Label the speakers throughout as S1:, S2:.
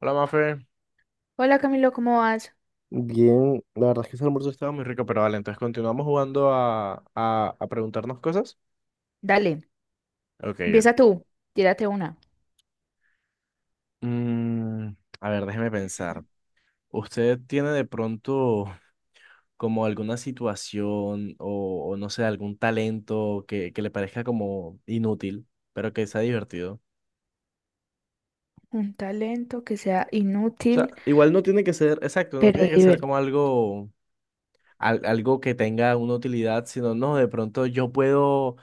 S1: Hola, Mafe.
S2: Hola Camilo, ¿cómo vas?
S1: Bien, la verdad es que ese almuerzo estaba muy rico, pero vale, entonces continuamos jugando a preguntarnos cosas.
S2: Dale,
S1: Ok,
S2: empieza
S1: ok.
S2: tú, tírate una.
S1: Mm, a ver, déjeme pensar. ¿Usted tiene de pronto como alguna situación o no sé, algún talento que le parezca como inútil, pero que sea divertido?
S2: Un talento que sea
S1: O sea,
S2: inútil,
S1: igual no tiene que ser, exacto, no
S2: pero
S1: tiene que ser como algo, algo que tenga una utilidad, sino no, de pronto yo puedo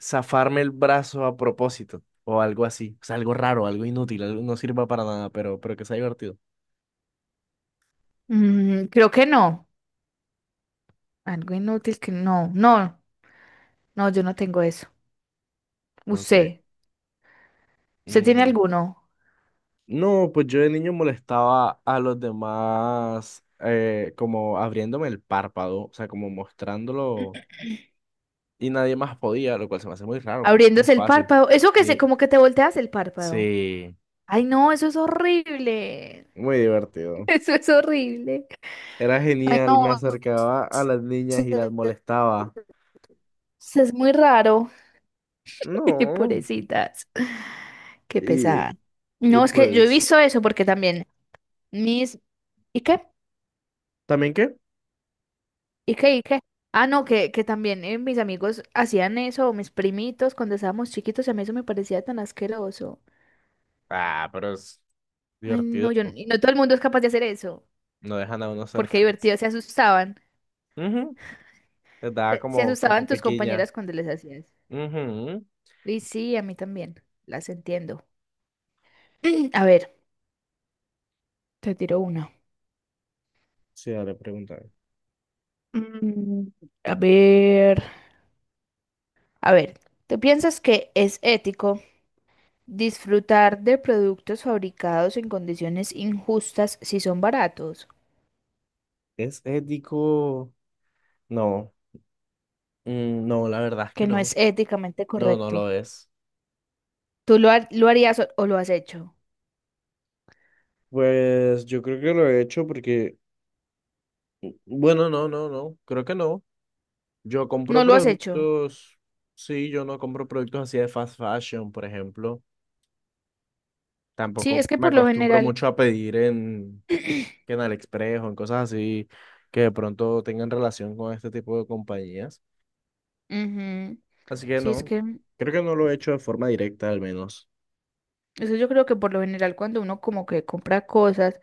S1: zafarme el brazo a propósito o algo así. O sea, algo raro, algo inútil, algo no sirva para nada, pero que sea divertido.
S2: divertido. Creo que no. Algo inútil que no. No, no, yo no tengo eso.
S1: Ok.
S2: ¿Usted? ¿Usted tiene
S1: Mm,
S2: alguno?
S1: No, pues yo de niño molestaba a los demás como abriéndome el párpado, o sea, como mostrándolo y nadie más podía, lo cual se me hace muy raro porque es muy
S2: Abriéndose el
S1: fácil.
S2: párpado. Eso
S1: Sí,
S2: como que te volteas el párpado.
S1: sí,
S2: Ay, no, eso es horrible.
S1: muy divertido.
S2: Eso es horrible.
S1: Era
S2: Ay,
S1: genial, me
S2: no,
S1: acercaba a las niñas y las
S2: eso
S1: molestaba.
S2: eso es muy raro.
S1: No,
S2: Pobrecitas. Qué
S1: y,
S2: pesada.
S1: y
S2: No, es que yo he
S1: pues,
S2: visto eso porque también mis... ¿Y qué?
S1: ¿también qué?
S2: ¿Y qué? ¿Y qué? Ah, no, que también mis amigos hacían eso, mis primitos, cuando estábamos chiquitos, y a mí eso me parecía tan asqueroso.
S1: Ah, pero es
S2: Ay,
S1: divertido.
S2: no, yo, y no todo el mundo es capaz de hacer eso,
S1: No dejan a uno ser
S2: porque
S1: feliz.
S2: divertido, se asustaban,
S1: Ujú, les da
S2: se
S1: como, como
S2: asustaban tus
S1: pequeña.
S2: compañeras cuando les hacías.
S1: Ujú.
S2: Y sí, a mí también, las entiendo. A ver, te tiro una.
S1: Sí, le pregunta.
S2: Mm, a ver, a ver, ¿tú piensas que es ético disfrutar de productos fabricados en condiciones injustas si son baratos?
S1: ¿Es ético? No. No, la verdad es que
S2: Que no
S1: no.
S2: es éticamente
S1: No, no
S2: correcto.
S1: lo es.
S2: ¿ Lo harías o lo has hecho?
S1: Pues yo creo que lo he hecho porque, bueno, no, no, no, creo que no. Yo compro
S2: No lo has hecho.
S1: productos, sí, yo no compro productos así de fast fashion, por ejemplo.
S2: Sí,
S1: Tampoco
S2: es que
S1: me
S2: por lo
S1: acostumbro
S2: general,
S1: mucho a pedir en, que en AliExpress o en cosas así que de pronto tengan relación con este tipo de compañías.
S2: ujú.
S1: Así que
S2: Sí, es
S1: no,
S2: que
S1: creo que no lo he hecho de forma directa al menos.
S2: eso yo creo que por lo general cuando uno como que compra cosas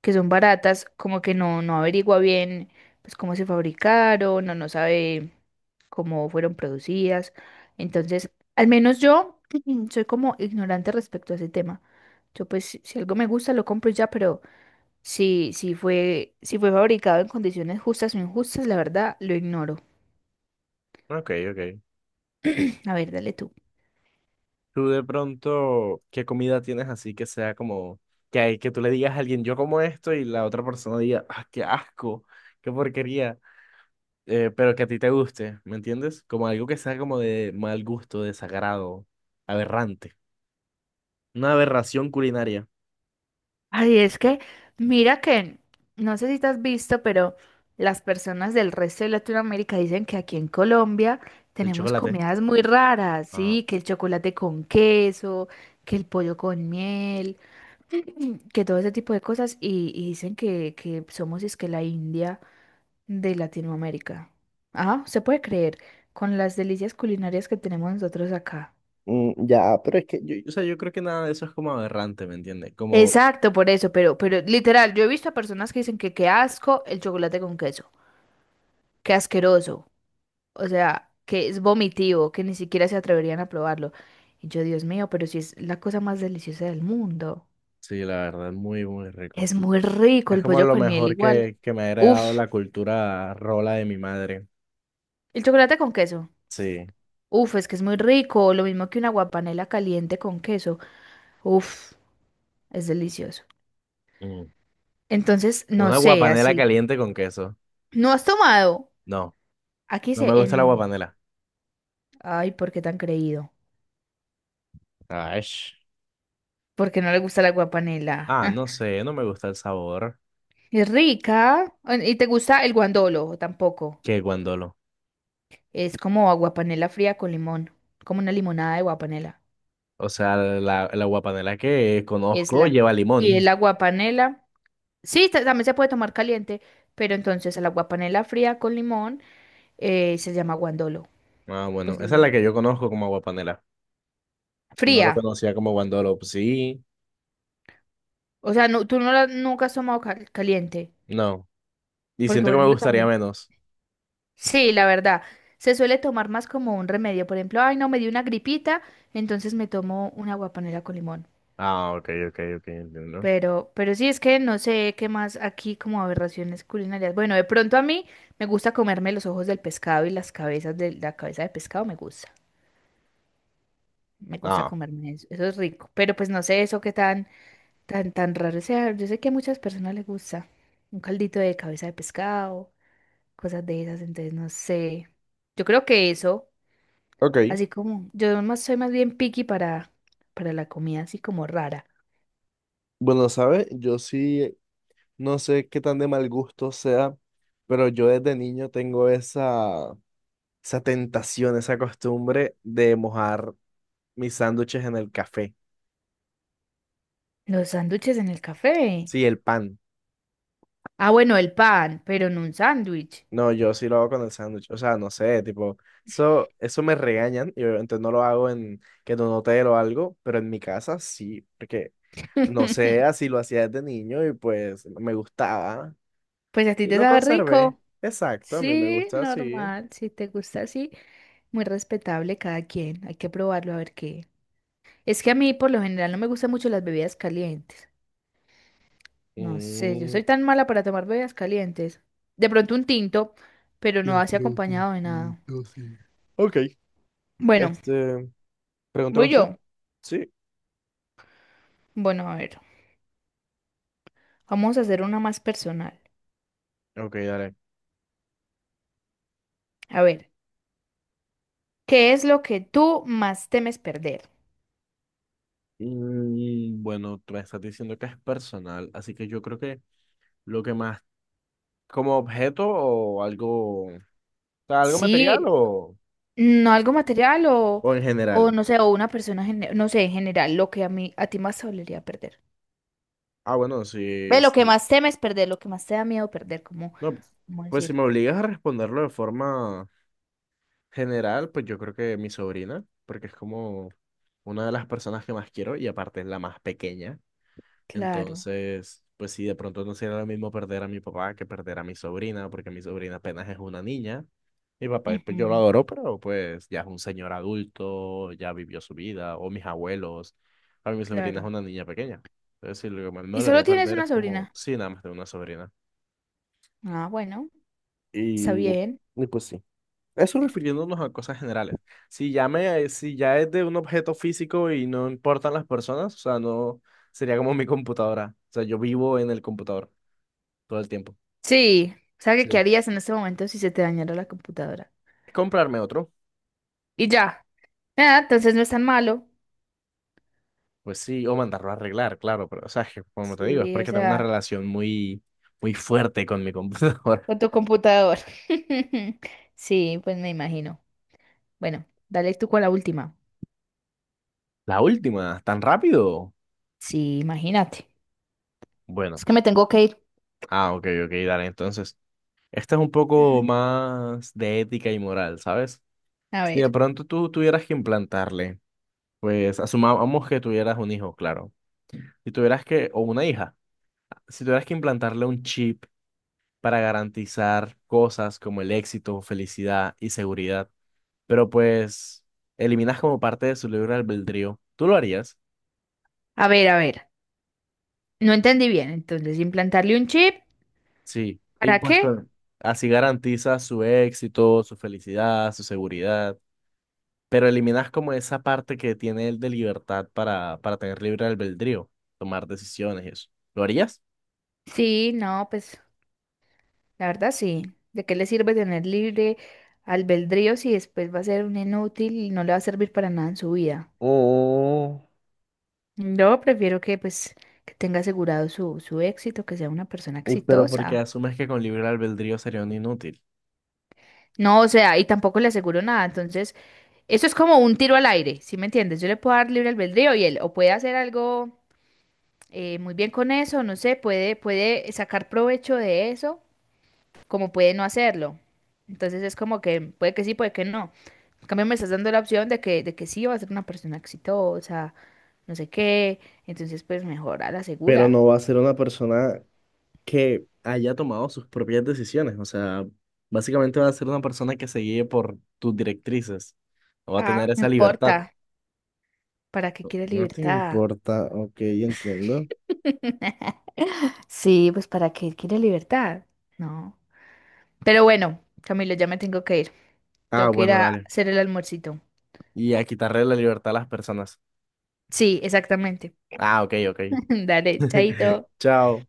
S2: que son baratas, como que no averigua bien pues cómo se fabricaron, no sabe cómo fueron producidas. Entonces, al menos yo soy como ignorante respecto a ese tema. Yo pues si algo me gusta lo compro y ya, pero si fue fabricado en condiciones justas o injustas, la verdad lo ignoro.
S1: Ok, ok.
S2: A ver, dale tú.
S1: Tú de pronto, ¿qué comida tienes así que sea como que hay que tú le digas a alguien yo como esto y la otra persona diga, ah, qué asco, qué porquería, pero que a ti te guste, ¿me entiendes? Como algo que sea como de mal gusto, desagrado, aberrante. Una aberración culinaria,
S2: Ay, es que, mira que, no sé si te has visto, pero las personas del resto de Latinoamérica dicen que aquí en Colombia
S1: el
S2: tenemos
S1: chocolate.
S2: comidas muy raras, sí, que el chocolate con queso, que el pollo con miel, que todo ese tipo de cosas, y dicen que somos es que la India. De Latinoamérica. Ah, se puede creer, con las delicias culinarias que tenemos nosotros acá.
S1: Ya, pero es que yo, o sea, yo creo que nada de eso es como aberrante, ¿me entiendes? Como,
S2: Exacto, por eso, pero literal, yo he visto a personas que dicen que qué asco el chocolate con queso, qué asqueroso, o sea, que es vomitivo, que ni siquiera se atreverían a probarlo. Y yo, Dios mío, pero si es la cosa más deliciosa del mundo.
S1: sí, la verdad, muy, muy rico.
S2: Es muy rico
S1: Es
S2: el
S1: como
S2: pollo
S1: lo
S2: con miel
S1: mejor
S2: igual.
S1: que me ha heredado
S2: Uf,
S1: la cultura rola de mi madre.
S2: el chocolate con queso.
S1: Sí.
S2: Uf, es que es muy rico, lo mismo que una guapanela caliente con queso. Uf, es delicioso.
S1: Mm.
S2: Entonces, no
S1: Una
S2: sé,
S1: guapanela
S2: así.
S1: caliente con queso.
S2: ¿No has tomado?
S1: No,
S2: Aquí
S1: no me
S2: se
S1: gusta la
S2: en...
S1: guapanela.
S2: Ay, ¿por qué tan creído?
S1: Ay.
S2: Porque no le gusta la aguapanela.
S1: Ah, no sé, no me gusta el sabor
S2: Es rica. Ah, ¿y te gusta el guandolo? Tampoco.
S1: que guandolo.
S2: Es como aguapanela fría con limón. Como una limonada de aguapanela.
S1: O sea, la guapanela que
S2: Es
S1: conozco
S2: la...
S1: lleva
S2: Y el
S1: limón.
S2: aguapanela... Sí, también se puede tomar caliente, pero entonces el aguapanela fría con limón se llama guandolo.
S1: Ah, bueno,
S2: Pues le
S1: esa es
S2: llama-
S1: la que yo conozco como guapanela. No
S2: fría.
S1: lo conocía como guandolo. Pues sí,
S2: O sea, no, tú no la, nunca has tomado caliente.
S1: no. Y
S2: Porque,
S1: siento
S2: por
S1: que me
S2: ejemplo,
S1: gustaría
S2: también...
S1: menos.
S2: Sí, la verdad. Se suele tomar más como un remedio. Por ejemplo, ay, no, me dio una gripita, entonces me tomo una guapanera con limón.
S1: Ah, ok, ok, ok, entiendo.
S2: Pero sí, es que no sé qué más aquí como aberraciones culinarias. Bueno, de pronto a mí me gusta comerme los ojos del pescado y las cabezas de la cabeza de pescado me gusta. Me gusta
S1: Ah,
S2: comerme eso. Eso es rico. Pero pues no sé eso qué tan raro sea. Yo sé que a muchas personas les gusta un caldito de cabeza de pescado, cosas de esas, entonces no sé. Yo creo que eso.
S1: ok.
S2: Así como yo más, soy más bien picky para la comida así como rara.
S1: Bueno, ¿sabes? Yo sí, no sé qué tan de mal gusto sea, pero yo desde niño tengo esa, esa tentación, esa costumbre de mojar mis sándwiches en el café.
S2: Los sándwiches en el café.
S1: Sí, el pan.
S2: Ah, bueno, el pan, pero en un sándwich.
S1: No, yo sí lo hago con el sándwich. O sea, no sé, tipo, eso me regañan y obviamente no lo hago en que en un hotel o algo, pero en mi casa sí, porque no sé, así lo hacía desde niño y pues me gustaba.
S2: Pues a ti
S1: Y
S2: te
S1: lo
S2: sabe
S1: conservé.
S2: rico.
S1: Exacto, a mí me
S2: Sí,
S1: gusta así.
S2: normal. Si te gusta así, muy respetable cada quien. Hay que probarlo a ver qué. Es que a mí por lo general no me gustan mucho las bebidas calientes. No sé, yo
S1: Mm,
S2: soy tan mala para tomar bebidas calientes. De pronto un tinto, pero no
S1: de
S2: así acompañado de nada.
S1: prototito, sí. Ok,
S2: Bueno,
S1: este, pregúnteme
S2: voy
S1: usted.
S2: yo.
S1: Sí.
S2: Bueno, a ver. Vamos a hacer una más personal.
S1: Ok, dale.
S2: A ver, ¿qué es lo que tú más temes perder?
S1: Bueno, tú me estás diciendo que es personal, así que yo creo que lo que más, como objeto o algo, o sea, algo material
S2: Sí, no algo material
S1: o en
S2: o
S1: general.
S2: no sé, o una persona, no sé, en general, lo que a ti más te dolería perder.
S1: Ah, bueno, sí,
S2: Ve, lo que
S1: sí.
S2: más temes perder, lo que más te da miedo perder, como,
S1: No,
S2: como
S1: pues si
S2: decir,
S1: me obligas a responderlo de forma general, pues yo creo que mi sobrina, porque es como una de las personas que más quiero y aparte es la más pequeña.
S2: claro,
S1: Entonces, pues sí, de pronto no sería lo mismo perder a mi papá que perder a mi sobrina, porque mi sobrina apenas es una niña. Mi papá, pues yo lo
S2: ujú,
S1: adoro, pero pues ya es un señor adulto, ya vivió su vida, o mis abuelos. A mi sobrina es
S2: claro.
S1: una niña pequeña. Entonces, sí, lo que más me
S2: ¿Y solo
S1: dolería
S2: tienes
S1: perder
S2: una
S1: es como,
S2: sobrina?
S1: sí, nada más de una sobrina.
S2: Ah, bueno, está
S1: Y,
S2: bien.
S1: y pues sí. Eso refiriéndonos a cosas generales. Si ya me, si ya es de un objeto físico y no importan las personas, o sea, no sería como mi computadora. O sea, yo vivo en el computador todo el tiempo.
S2: Sí, ¿sabes qué
S1: Sí.
S2: harías en este momento si se te dañara la computadora?
S1: Comprarme otro,
S2: Y ya. Ah, entonces no es tan malo.
S1: pues sí, o mandarlo a arreglar, claro, pero o sea, es que, como te digo, es
S2: Sí, o
S1: porque tengo una
S2: sea.
S1: relación muy, muy fuerte con mi computadora.
S2: Con tu computador. Sí, pues me imagino. Bueno, dale tú con la última.
S1: La última, tan rápido.
S2: Sí, imagínate.
S1: Bueno,
S2: Es que me tengo que ir.
S1: ah, ok, ok, dale, entonces. Esta es un poco más de ética y moral, ¿sabes?
S2: A
S1: Si
S2: ver,
S1: de pronto tú tuvieras que implantarle, pues asumamos que tuvieras un hijo, claro. Si tuvieras que, o una hija, si tuvieras que implantarle un chip para garantizar cosas como el éxito, felicidad y seguridad, pero pues eliminas como parte de su libre albedrío, ¿tú lo harías?
S2: a ver, a ver. No entendí bien. Entonces, implantarle un chip,
S1: Sí.
S2: ¿para qué?
S1: Así garantizas su éxito, su felicidad, su seguridad, pero eliminas como esa parte que tiene él de libertad para tener libre albedrío, tomar decisiones y eso. ¿Lo harías?
S2: Sí, no, pues la verdad sí. ¿De qué le sirve tener libre albedrío si después va a ser un inútil y no le va a servir para nada en su vida? Yo prefiero que pues que tenga asegurado su éxito, que sea una persona
S1: Y pero porque
S2: exitosa.
S1: asumes que con libre albedrío sería un inútil.
S2: No, o sea, y tampoco le aseguro nada, entonces eso es como un tiro al aire, ¿sí me entiendes? Yo le puedo dar libre albedrío y él o puede hacer algo muy bien con eso, no sé, puede sacar provecho de eso, como puede no hacerlo. Entonces es como que puede que sí, puede que no. En cambio me estás dando la opción de de que sí va a ser una persona exitosa, no sé qué. Entonces pues mejor a la
S1: Pero
S2: segura.
S1: no va a ser una persona que haya tomado sus propias decisiones. O sea, básicamente va a ser una persona que se guíe por tus directrices. No va a
S2: Ah,
S1: tener
S2: no
S1: esa libertad.
S2: importa, ¿para qué quiere
S1: No te
S2: libertad?
S1: importa, ok, entiendo.
S2: Sí, pues ¿para qué quiere libertad? No. Pero bueno, Camilo, ya me tengo que ir.
S1: Ah,
S2: Tengo que ir
S1: bueno,
S2: a
S1: dale.
S2: hacer el almuercito.
S1: Y a quitarle la libertad a las personas.
S2: Sí, exactamente.
S1: Ah, ok, ok.
S2: Dale, chaito.
S1: Chao.